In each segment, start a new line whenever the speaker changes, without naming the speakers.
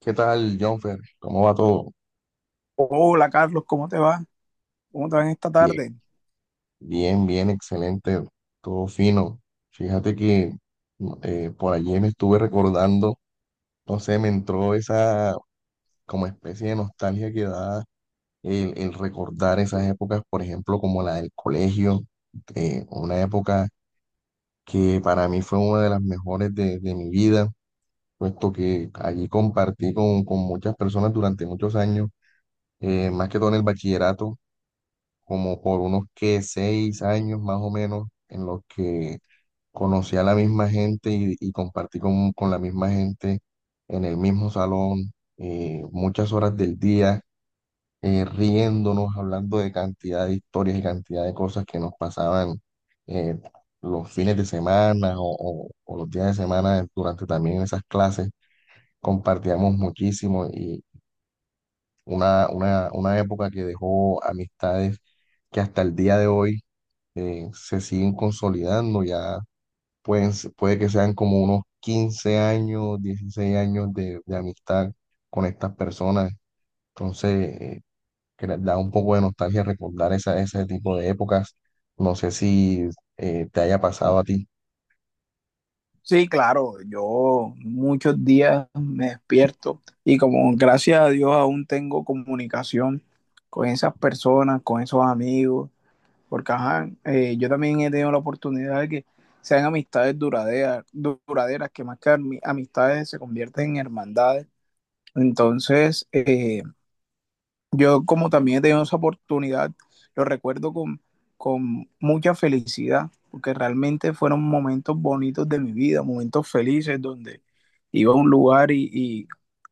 ¿Qué tal, Jonfer? ¿Cómo va todo?
Hola Carlos, ¿cómo te va? ¿Cómo te va en esta
Bien,
tarde?
bien, bien, excelente, todo fino. Fíjate que por allí me estuve recordando, no sé, me entró esa como especie de nostalgia que da el recordar esas épocas, por ejemplo, como la del colegio, una época que para mí fue una de las mejores de mi vida, puesto que allí compartí con muchas personas durante muchos años, más que todo en el bachillerato como por unos que 6 años más o menos, en los que conocí a la misma gente y compartí con la misma gente en el mismo salón, muchas horas del día, riéndonos, hablando de cantidad de historias y cantidad de cosas que nos pasaban eh, los fines de semana o los días de semana durante también esas clases. Compartíamos muchísimo y una época que dejó amistades que hasta el día de hoy se siguen consolidando, ya puede que sean como unos 15 años, 16 años de amistad con estas personas, entonces eh, que les da un poco de nostalgia recordar ese tipo de épocas, no sé si te haya pasado a ti.
Sí, claro, yo muchos días me despierto y, como gracias a Dios aún tengo comunicación con esas personas, con esos amigos, porque ajá, yo también he tenido la oportunidad de que sean amistades duraderas, duraderas que más que amistades se convierten en hermandades. Entonces, eh, Yo, como también he tenido esa oportunidad, lo recuerdo con mucha felicidad, porque realmente fueron momentos bonitos de mi vida, momentos felices donde iba a un lugar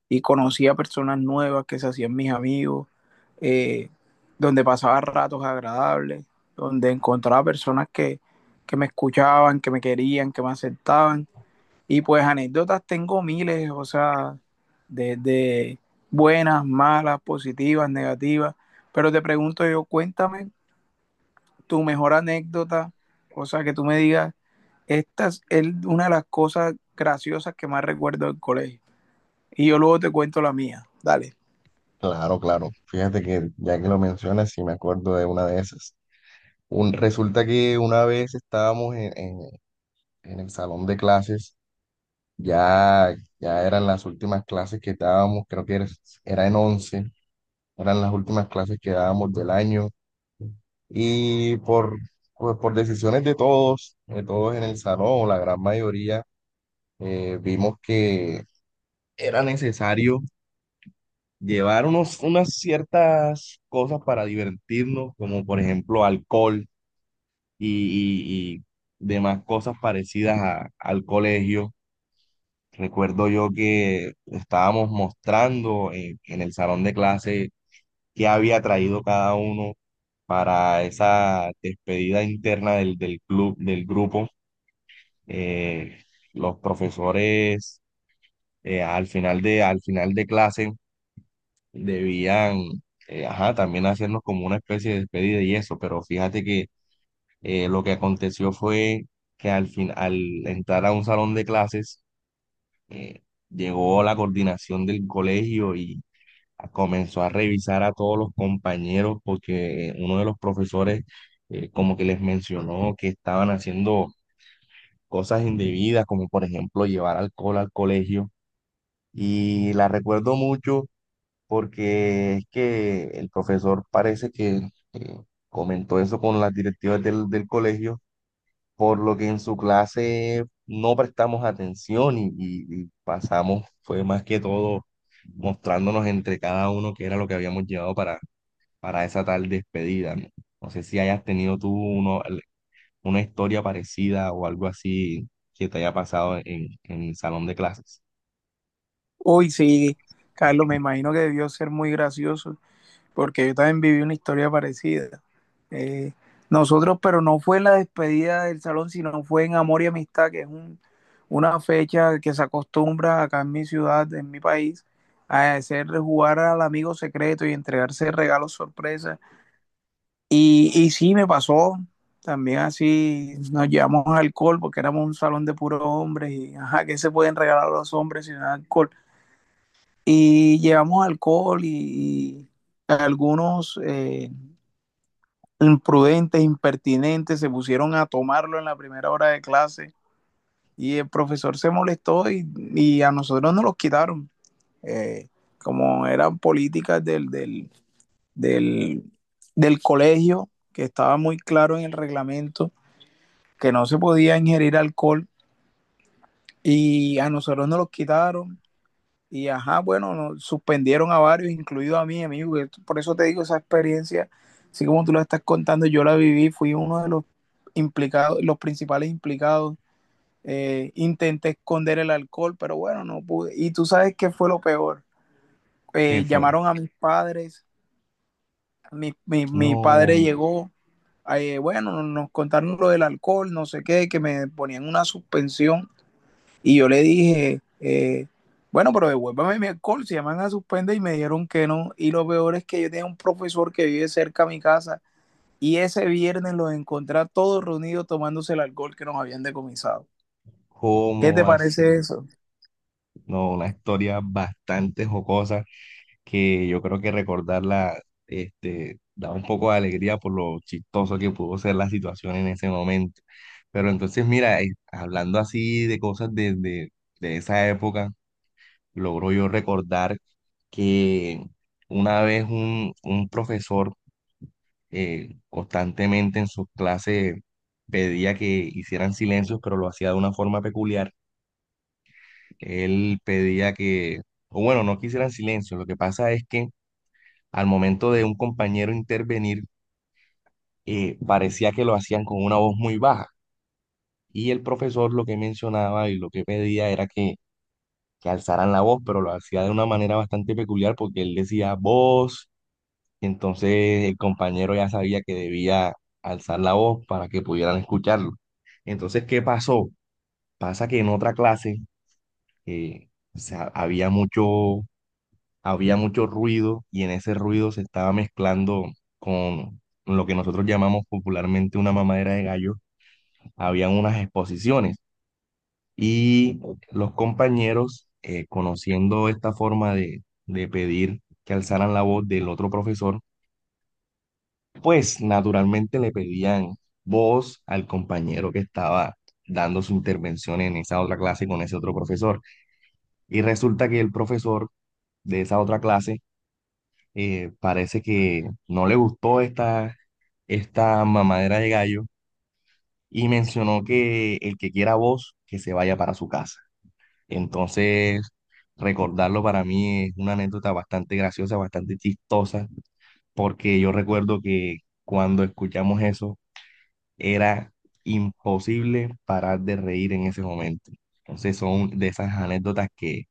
y conocía personas nuevas que se hacían mis amigos, eh, donde pasaba ratos agradables, donde encontraba personas que me escuchaban, que me querían, que me aceptaban. Y pues anécdotas tengo miles, o sea, desde buenas, malas, positivas, negativas. Pero te pregunto yo, cuéntame tu mejor anécdota, o sea, que tú me digas, esta es una de las cosas graciosas que más recuerdo del colegio. Y yo luego te cuento la mía. Dale.
Claro, claro, fíjate que ya que lo mencionas, sí me acuerdo de una de esas. Resulta que una vez estábamos en en el salón de clases. Ya eran las últimas clases que dábamos, creo era en once, eran las últimas clases que dábamos del año y pues, por decisiones de todos en el salón, o la gran mayoría, vimos que era necesario llevar unas ciertas cosas para divertirnos, como por ejemplo alcohol y demás cosas parecidas al colegio. Recuerdo yo que estábamos mostrando en el salón de clase qué había traído cada uno para esa despedida interna del club, del grupo. Eh, los profesores al final al final de clase debían, ajá, también hacernos como una especie de despedida y eso, pero fíjate que lo que aconteció fue que al fin, al entrar a un salón de clases, eh, llegó la coordinación del colegio y comenzó a revisar a todos los compañeros porque uno de los profesores como que les mencionó que estaban haciendo cosas indebidas, como por ejemplo llevar alcohol al colegio. Y la recuerdo mucho porque es que el profesor parece que eh, comentó eso con las directivas del colegio, por lo que en su clase no prestamos atención y y pasamos, fue más que todo mostrándonos entre cada uno qué era lo que habíamos llevado para esa tal despedida. No, no sé si hayas tenido una historia parecida o algo así que te haya pasado en el salón de clases.
Uy, sí, Carlos, me imagino que debió ser muy gracioso, porque yo también viví una historia parecida. Eh, nosotros, pero no fue en la despedida del salón, sino fue en Amor y Amistad, que es una fecha que se acostumbra acá en mi ciudad, en mi país, a hacerle jugar al amigo secreto y entregarse regalos sorpresa. Y sí, me pasó. También así nos llevamos alcohol porque éramos un salón de puros hombres y, ajá, ¿qué se pueden regalar a los hombres sin alcohol? Y llevamos alcohol y algunos imprudentes, impertinentes, se pusieron a tomarlo en la primera hora de clase y el profesor se molestó, y a nosotros nos los quitaron. Eh, como eran políticas del, del colegio, que estaba muy claro en el reglamento que no se podía ingerir alcohol, y a nosotros nos los quitaron. Y ajá, bueno, nos suspendieron a varios, incluido a mí, amigo. Que Por eso te digo, esa experiencia, así como tú la estás contando, yo la viví, fui uno de los implicados, los principales implicados. Intenté esconder el alcohol, pero bueno, no pude. Y tú sabes qué fue lo peor.
¿Qué fue?
Llamaron a mis padres, mi padre
No,
llegó, bueno, nos contaron lo del alcohol, no sé qué, que me ponían una suspensión, y yo le dije, bueno, pero devuélvame mi alcohol, si me van a suspender. Y me dijeron que no. Y lo peor es que yo tenía un profesor que vive cerca de mi casa y ese viernes los encontré a todos reunidos tomándose el alcohol que nos habían decomisado. ¿Qué
¿cómo
te
va a
parece
ser?
eso?
No, una historia bastante jocosa que yo creo que recordarla, este, da un poco de alegría por lo chistoso que pudo ser la situación en ese momento. Pero entonces, mira, hablando así de cosas de de esa época, logro yo recordar que una vez un profesor constantemente en sus clases pedía que hicieran silencios, pero lo hacía de una forma peculiar. Él pedía que, o bueno, no que hicieran silencio. Lo que pasa es que al momento de un compañero intervenir, parecía que lo hacían con una voz muy baja. Y el profesor lo que mencionaba y lo que pedía era que alzaran la voz, pero lo hacía de una manera bastante peculiar porque él decía voz, entonces el compañero ya sabía que debía alzar la voz para que pudieran escucharlo. Entonces, ¿qué pasó? Pasa que en otra clase eh, o sea, había mucho ruido y en ese ruido se estaba mezclando con lo que nosotros llamamos popularmente una mamadera de gallo. Habían unas exposiciones y los compañeros, conociendo esta forma de pedir que alzaran la voz del otro profesor, pues naturalmente le pedían voz al compañero que estaba dando su intervención en esa otra clase con ese otro profesor. Y resulta que el profesor de esa otra clase parece que no le gustó esta mamadera de gallo y mencionó que el que quiera voz, que se vaya para su casa. Entonces, recordarlo para mí es una anécdota bastante graciosa, bastante chistosa, porque yo recuerdo que cuando escuchamos eso, era imposible parar de reír en ese momento. Entonces son de esas anécdotas que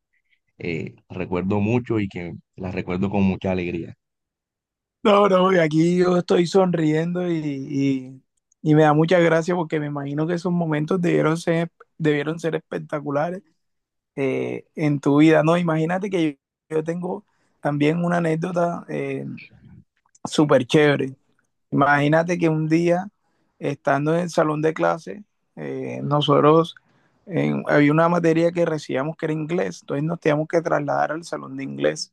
recuerdo mucho y que las recuerdo con mucha alegría.
No, no, y aquí yo estoy sonriendo y me da mucha gracia, porque me imagino que esos momentos debieron ser espectaculares, en tu vida. No, imagínate que yo tengo también una anécdota, súper chévere. Imagínate que un día, estando en el salón de clase, nosotros había una materia que recibíamos que era inglés, entonces nos teníamos que trasladar al salón de inglés.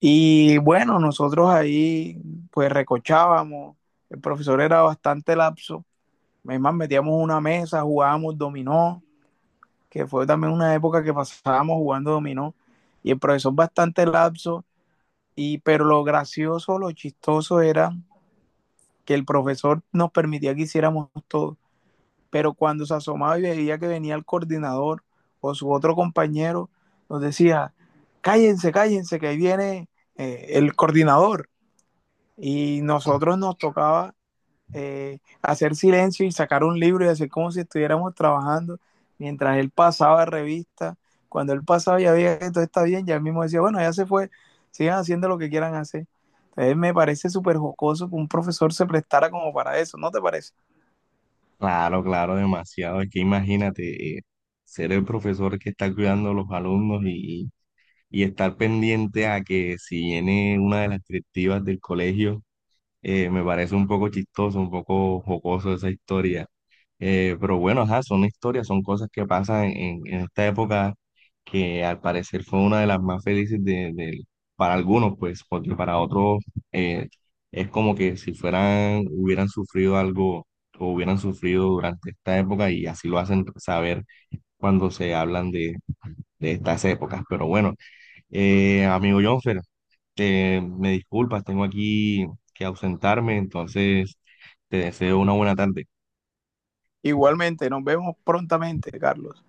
Y bueno, nosotros ahí pues recochábamos, el profesor era bastante lapso, es más, metíamos una mesa, jugábamos dominó, que fue también una época que pasábamos jugando dominó, y el profesor bastante lapso, y, pero lo gracioso, lo chistoso era que el profesor nos permitía que hiciéramos todo, pero cuando se asomaba y veía que venía el coordinador o su otro compañero, nos decía, cállense, cállense, que ahí viene el coordinador. Y nosotros nos tocaba hacer silencio y sacar un libro y hacer como si estuviéramos trabajando mientras él pasaba revista. Cuando él pasaba ya veía que todo está bien, ya él mismo decía, bueno, ya se fue, sigan haciendo lo que quieran hacer. Entonces me parece súper jocoso que un profesor se prestara como para eso, ¿no te parece?
Claro, claro, demasiado. Es que imagínate ser el profesor que está cuidando a los alumnos y estar pendiente a que si viene una de las directivas del colegio. Me parece un poco chistoso, un poco jocoso esa historia. Pero bueno, ajá, son historias, son cosas que pasan en esta época que al parecer fue una de las más felices para algunos, pues, porque para otros eh, es como que si fueran, hubieran sufrido algo o hubieran sufrido durante esta época y así lo hacen saber cuando se hablan de estas épocas. Pero bueno, amigo John, me disculpas, tengo aquí que ausentarme, entonces te deseo una buena tarde.
Igualmente, nos vemos prontamente, Carlos.